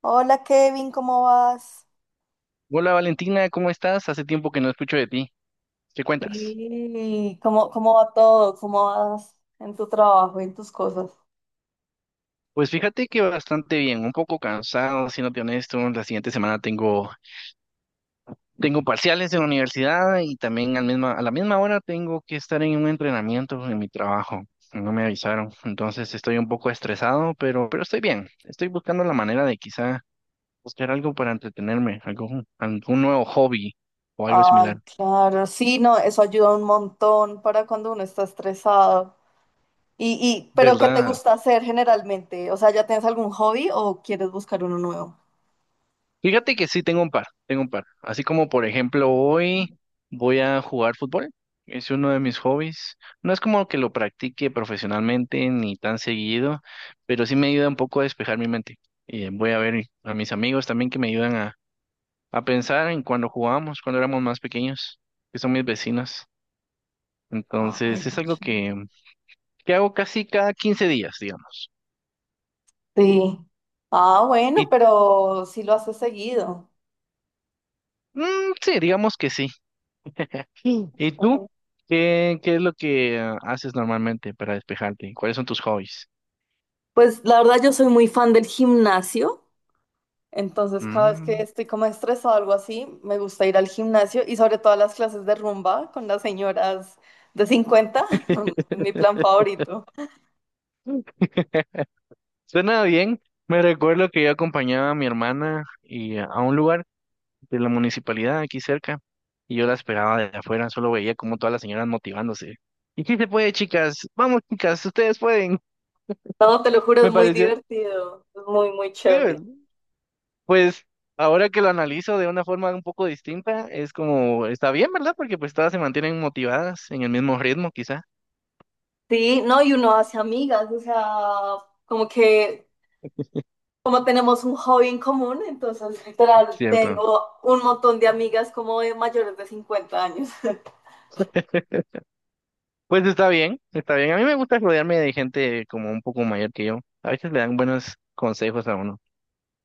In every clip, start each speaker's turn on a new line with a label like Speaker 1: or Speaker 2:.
Speaker 1: Hola Kevin, ¿cómo vas?
Speaker 2: Hola Valentina, ¿cómo estás? Hace tiempo que no escucho de ti. ¿Qué cuentas?
Speaker 1: Sí, ¿cómo va todo? ¿Cómo vas en tu trabajo y en tus cosas?
Speaker 2: Pues fíjate que bastante bien, un poco cansado, siéndote honesto. La siguiente semana tengo parciales en la universidad y también a la misma hora tengo que estar en un entrenamiento en mi trabajo. No me avisaron, entonces estoy un poco estresado, pero estoy bien. Estoy buscando la manera de quizá buscar algo para entretenerme, algo, algún nuevo hobby o algo
Speaker 1: Ay,
Speaker 2: similar.
Speaker 1: claro, sí, no, eso ayuda un montón para cuando uno está estresado. Pero ¿qué te
Speaker 2: ¿Verdad?
Speaker 1: gusta hacer generalmente? O sea, ¿ya tienes algún hobby o quieres buscar uno nuevo?
Speaker 2: Fíjate que sí tengo un par, tengo un par. Así como por ejemplo hoy voy a jugar fútbol. Es uno de mis hobbies. No es como que lo practique profesionalmente ni tan seguido, pero sí me ayuda un poco a despejar mi mente. Y voy a ver a mis amigos también que me ayudan a pensar en cuando jugábamos, cuando éramos más pequeños, que son mis vecinos.
Speaker 1: Ay,
Speaker 2: Entonces es
Speaker 1: qué
Speaker 2: algo
Speaker 1: ch-
Speaker 2: que hago casi cada 15 días, digamos.
Speaker 1: Sí. Ah,
Speaker 2: Y
Speaker 1: bueno, pero sí lo haces seguido.
Speaker 2: sí, digamos que sí. Mm. ¿Y tú?
Speaker 1: Ujú.
Speaker 2: ¿Qué es lo que haces normalmente para despejarte? ¿Cuáles son tus hobbies?
Speaker 1: Pues la verdad yo soy muy fan del gimnasio. Entonces, cada vez que
Speaker 2: Mm.
Speaker 1: estoy como estresado o algo así, me gusta ir al gimnasio y sobre todo a las clases de rumba con las señoras de 50. Es mi plan favorito.
Speaker 2: Suena bien. Me recuerdo que yo acompañaba a mi hermana y a un lugar de la municipalidad aquí cerca y yo la esperaba de afuera, solo veía como todas las señoras motivándose. ¿Y sí se puede, chicas? Vamos, chicas, ustedes pueden.
Speaker 1: No, te lo juro, es
Speaker 2: Me
Speaker 1: muy
Speaker 2: pareció,
Speaker 1: divertido. Es muy, muy chévere.
Speaker 2: sí. Pues ahora que lo analizo de una forma un poco distinta, es como, está bien, ¿verdad? Porque pues todas se mantienen motivadas en el mismo ritmo, quizá.
Speaker 1: Sí, no, y uno hace amigas, o sea, como que, como tenemos un hobby en común, entonces literal
Speaker 2: Cierto.
Speaker 1: tengo un montón de amigas como de mayores de 50 años.
Speaker 2: Pues está bien, está bien. A mí me gusta rodearme de gente como un poco mayor que yo. A veces le dan buenos consejos a uno.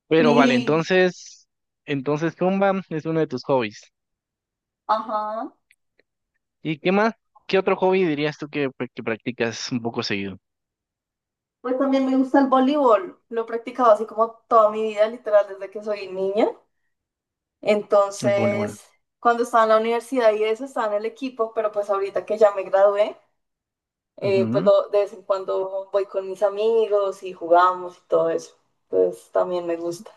Speaker 2: Pero vale,
Speaker 1: Sí,
Speaker 2: entonces Zumba es uno de tus hobbies.
Speaker 1: ajá.
Speaker 2: ¿Y qué más? ¿Qué otro hobby dirías tú que, pues, que practicas un poco seguido?
Speaker 1: Pues también me gusta el voleibol. Lo he practicado así como toda mi vida, literal, desde que soy niña.
Speaker 2: El voleibol.
Speaker 1: Entonces, cuando estaba en la universidad y eso, estaba en el equipo, pero pues ahorita que ya me gradué, pues de vez en cuando voy con mis amigos y jugamos y todo eso. Pues también me gusta.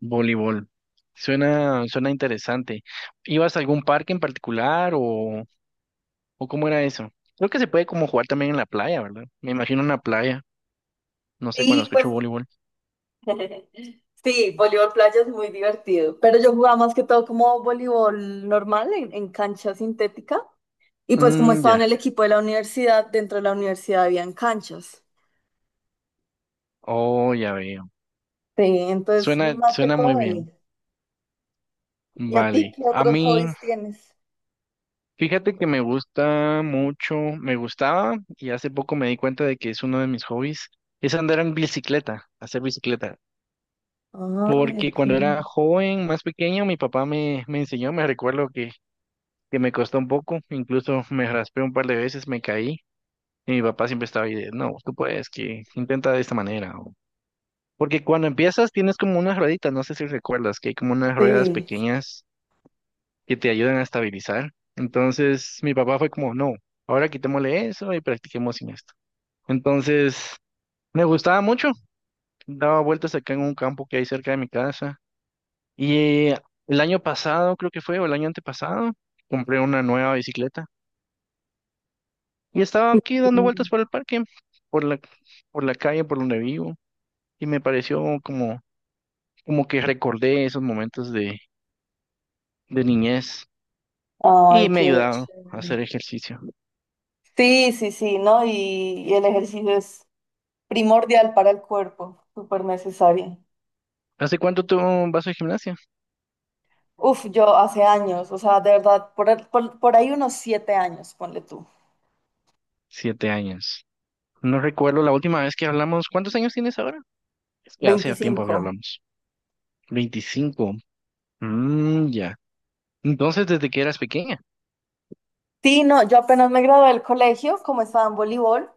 Speaker 2: Voleibol. Suena interesante. ¿Ibas a algún parque en particular o cómo era eso? Creo que se puede como jugar también en la playa, ¿verdad? Me imagino una playa. No sé cuando
Speaker 1: Sí, pues
Speaker 2: escucho voleibol.
Speaker 1: sí, voleibol playa es muy divertido, pero yo jugaba más que todo como voleibol normal en cancha sintética. Y pues como
Speaker 2: Mm,
Speaker 1: estaba
Speaker 2: ya.
Speaker 1: en el equipo de la universidad, dentro de la universidad habían canchas.
Speaker 2: Oh, ya veo.
Speaker 1: Sí, entonces
Speaker 2: Suena,
Speaker 1: más que
Speaker 2: suena muy
Speaker 1: todo ahí.
Speaker 2: bien.
Speaker 1: ¿Y a ti
Speaker 2: Vale.
Speaker 1: qué
Speaker 2: A
Speaker 1: otros
Speaker 2: mí,
Speaker 1: hobbies tienes?
Speaker 2: fíjate que me gusta mucho, me gustaba y hace poco me di cuenta de que es uno de mis hobbies, es andar en bicicleta, hacer bicicleta.
Speaker 1: Ah,
Speaker 2: Porque
Speaker 1: ok.
Speaker 2: cuando era joven, más pequeño, mi papá me enseñó, me recuerdo que me costó un poco, incluso me raspé un par de veces, me caí y mi papá siempre estaba ahí de, no, tú puedes, que intenta de esta manera. Porque cuando empiezas tienes como unas rueditas, no sé si recuerdas, que hay como unas ruedas
Speaker 1: Sí,
Speaker 2: pequeñas que te ayudan a estabilizar. Entonces mi papá fue como, no, ahora quitémosle eso y practiquemos sin esto. Entonces me gustaba mucho, daba vueltas acá en un campo que hay cerca de mi casa y el año pasado creo que fue, o el año antepasado, compré una nueva bicicleta. Y estaba aquí dando vueltas
Speaker 1: sí.
Speaker 2: por el parque, por la, por la calle, por donde vivo, y me pareció como, como que recordé esos momentos de niñez y
Speaker 1: Ay,
Speaker 2: me
Speaker 1: qué
Speaker 2: ayudaron a
Speaker 1: chévere.
Speaker 2: hacer ejercicio.
Speaker 1: Sí, sí, sí, ¿no? Y el ejercicio es primordial para el cuerpo, súper necesario.
Speaker 2: ¿Hace cuánto tú vas al gimnasio?
Speaker 1: Uf, yo hace años, o sea, de verdad, por ahí unos 7 años, ponle tú,
Speaker 2: 7 años. No recuerdo la última vez que hablamos. ¿Cuántos años tienes ahora? Es que hace tiempo que
Speaker 1: 25.
Speaker 2: hablamos. 25. Mm, ya. Entonces, desde que eras pequeña.
Speaker 1: Sí, no, yo apenas me gradué del colegio, como estaba en voleibol,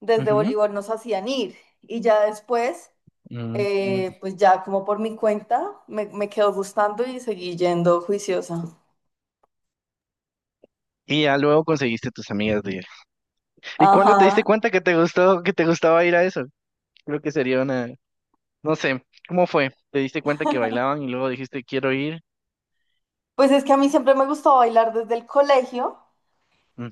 Speaker 1: desde
Speaker 2: Ujú.
Speaker 1: voleibol nos hacían ir y ya después
Speaker 2: Mm, mm.
Speaker 1: pues ya como por mi cuenta me quedó gustando y seguí yendo juiciosa.
Speaker 2: Y ya luego conseguiste tus amigas de ir. ¿Y cuándo te
Speaker 1: Ajá.
Speaker 2: diste cuenta que te gustó, que te gustaba ir a eso? Creo que sería una, no sé, ¿cómo fue? ¿Te diste cuenta que bailaban y luego dijiste quiero ir?
Speaker 1: Pues es que a mí siempre me gustó bailar desde el colegio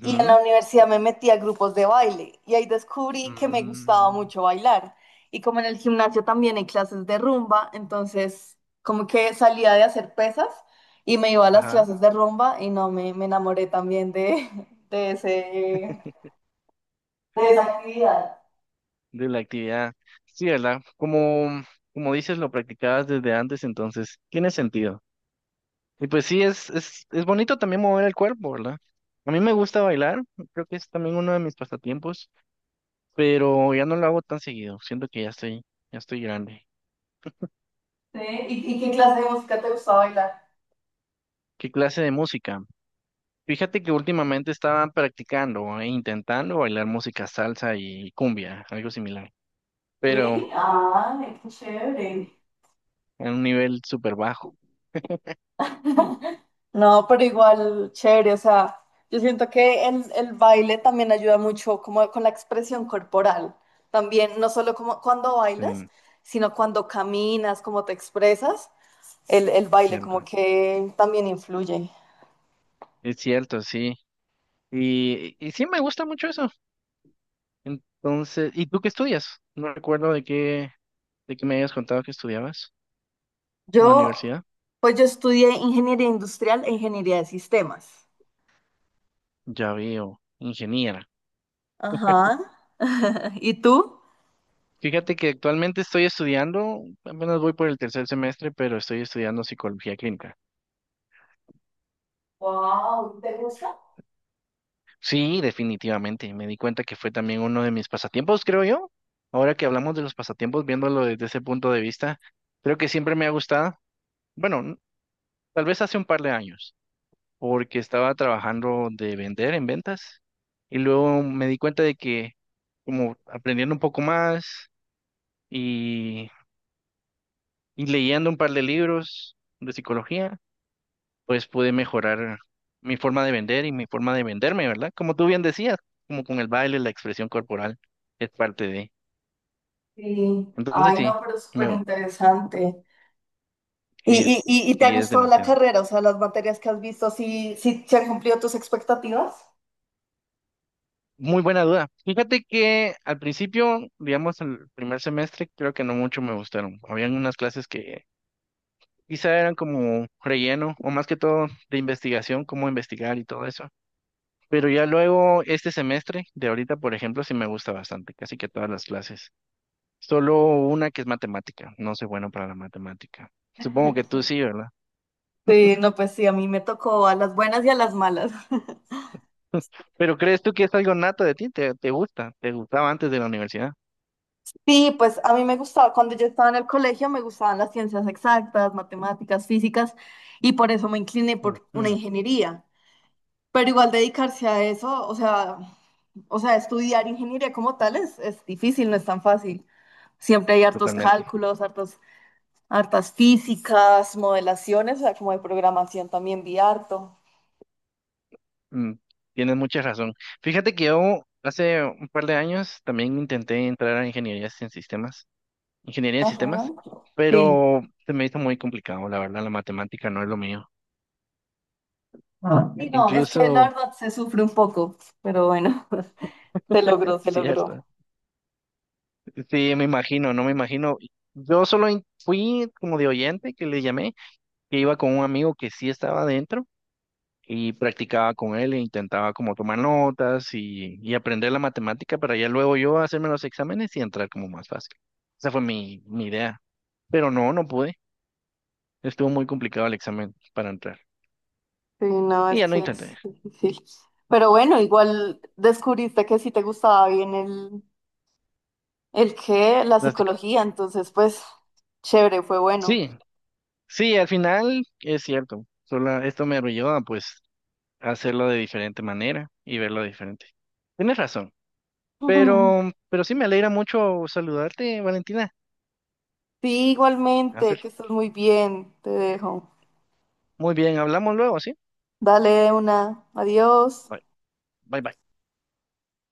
Speaker 1: y en la universidad me metí a grupos de baile y ahí descubrí que me gustaba
Speaker 2: Mm,
Speaker 1: mucho bailar. Y como en el gimnasio también hay clases de rumba, entonces como que salía de hacer pesas y me iba a las
Speaker 2: ajá,
Speaker 1: clases de rumba y no, me enamoré también de, de ese, de esa actividad.
Speaker 2: de la actividad. Sí, ¿verdad? Como, como dices, lo practicabas desde antes, entonces tiene sentido. Y pues sí, es bonito también mover el cuerpo, ¿verdad? A mí me gusta bailar, creo que es también uno de mis pasatiempos, pero ya no lo hago tan seguido, siento que ya estoy grande.
Speaker 1: Sí. Y qué clase de música te gustaba bailar?
Speaker 2: ¿Qué clase de música? Fíjate que últimamente estaban practicando e intentando bailar música salsa y cumbia, algo similar, pero
Speaker 1: Sí, ay, qué chévere.
Speaker 2: en un nivel súper bajo. Mm.
Speaker 1: No, pero igual, chévere, o sea, yo siento que el baile también ayuda mucho como con la expresión corporal, también, no solo como cuando bailas,
Speaker 2: Sí,
Speaker 1: sino cuando caminas, cómo te expresas, el baile como
Speaker 2: cierto.
Speaker 1: que también influye.
Speaker 2: Es cierto, sí. Y sí me gusta mucho eso. Entonces, ¿y tú qué estudias? No recuerdo de qué me habías contado que estudiabas en la
Speaker 1: Yo,
Speaker 2: universidad.
Speaker 1: pues yo estudié ingeniería industrial e ingeniería de sistemas.
Speaker 2: Ya veo, ingeniera.
Speaker 1: Ajá. ¿Y tú?
Speaker 2: Fíjate que actualmente estoy estudiando, apenas voy por el tercer semestre, pero estoy estudiando psicología clínica.
Speaker 1: Wow, ¿te gusta?
Speaker 2: Sí, definitivamente. Me di cuenta que fue también uno de mis pasatiempos, creo yo. Ahora que hablamos de los pasatiempos, viéndolo desde ese punto de vista, creo que siempre me ha gustado. Bueno, tal vez hace un par de años, porque estaba trabajando de vender en ventas y luego me di cuenta de que como aprendiendo un poco más y, y leyendo un par de libros de psicología, pues pude mejorar mi forma de vender y mi forma de venderme, ¿verdad? Como tú bien decías, como con el baile, la expresión corporal es parte de.
Speaker 1: Sí.
Speaker 2: Entonces
Speaker 1: Ay,
Speaker 2: sí,
Speaker 1: no, pero súper
Speaker 2: me,
Speaker 1: interesante.
Speaker 2: eh,
Speaker 1: ¿Y te ha
Speaker 2: sí es
Speaker 1: gustado la
Speaker 2: demasiado.
Speaker 1: carrera? O sea, las materias que has visto, ¿sí, sí se han cumplido tus expectativas?
Speaker 2: Muy buena duda. Fíjate que al principio, digamos, el primer semestre, creo que no mucho me gustaron. Habían unas clases que quizá eran como relleno o más que todo de investigación, cómo investigar y todo eso. Pero ya luego, este semestre de ahorita, por ejemplo, sí me gusta bastante, casi que todas las clases. Solo una que es matemática. No soy bueno para la matemática. Supongo que tú sí, ¿verdad?
Speaker 1: Sí, no, pues sí, a mí me tocó a las buenas y a las malas.
Speaker 2: Pero ¿crees tú que es algo nato de ti? ¿Te gusta? ¿Te gustaba antes de la universidad?
Speaker 1: Sí, pues a mí me gustaba, cuando yo estaba en el colegio me gustaban las ciencias exactas, matemáticas, físicas, y por eso me incliné por una
Speaker 2: Ujú.
Speaker 1: ingeniería. Pero igual dedicarse a eso, o sea, estudiar ingeniería como tal es difícil, no es tan fácil. Siempre hay hartos
Speaker 2: Totalmente.
Speaker 1: cálculos, hartos. Hartas físicas, modelaciones, o sea, como de programación también vi harto.
Speaker 2: Mm, tienes mucha razón. Fíjate que yo hace un par de años también intenté entrar a ingeniería en
Speaker 1: Ajá.
Speaker 2: sistemas,
Speaker 1: Sí.
Speaker 2: pero se me hizo muy complicado, la verdad, la matemática no es lo mío.
Speaker 1: Sí, no, es que la
Speaker 2: Incluso,
Speaker 1: verdad se sufre un poco, pero bueno, se
Speaker 2: es
Speaker 1: logró, se logró.
Speaker 2: cierto. Sí, me imagino, no me imagino. Yo solo fui como de oyente que le llamé, que iba con un amigo que sí estaba adentro y practicaba con él e intentaba como tomar notas y aprender la matemática para ya luego yo hacerme los exámenes y entrar como más fácil. Esa fue mi idea. Pero no, no pude. Estuvo muy complicado el examen para entrar.
Speaker 1: Sí, no,
Speaker 2: Y
Speaker 1: es
Speaker 2: ya no
Speaker 1: que
Speaker 2: intenté.
Speaker 1: es difícil. Pero bueno, igual descubriste que sí te gustaba bien el qué, la
Speaker 2: Drástico.
Speaker 1: psicología, entonces pues chévere, fue bueno.
Speaker 2: Sí, sí, al final es cierto. Solo esto me ayuda pues a pues, hacerlo de diferente manera y verlo diferente. Tienes razón.
Speaker 1: Ujú.
Speaker 2: Pero sí me alegra mucho saludarte, Valentina.
Speaker 1: Sí, igualmente,
Speaker 2: Hace.
Speaker 1: que estés muy bien, te dejo.
Speaker 2: Muy bien, hablamos luego, ¿sí?
Speaker 1: Dale una, adiós.
Speaker 2: Bye, bye, bye.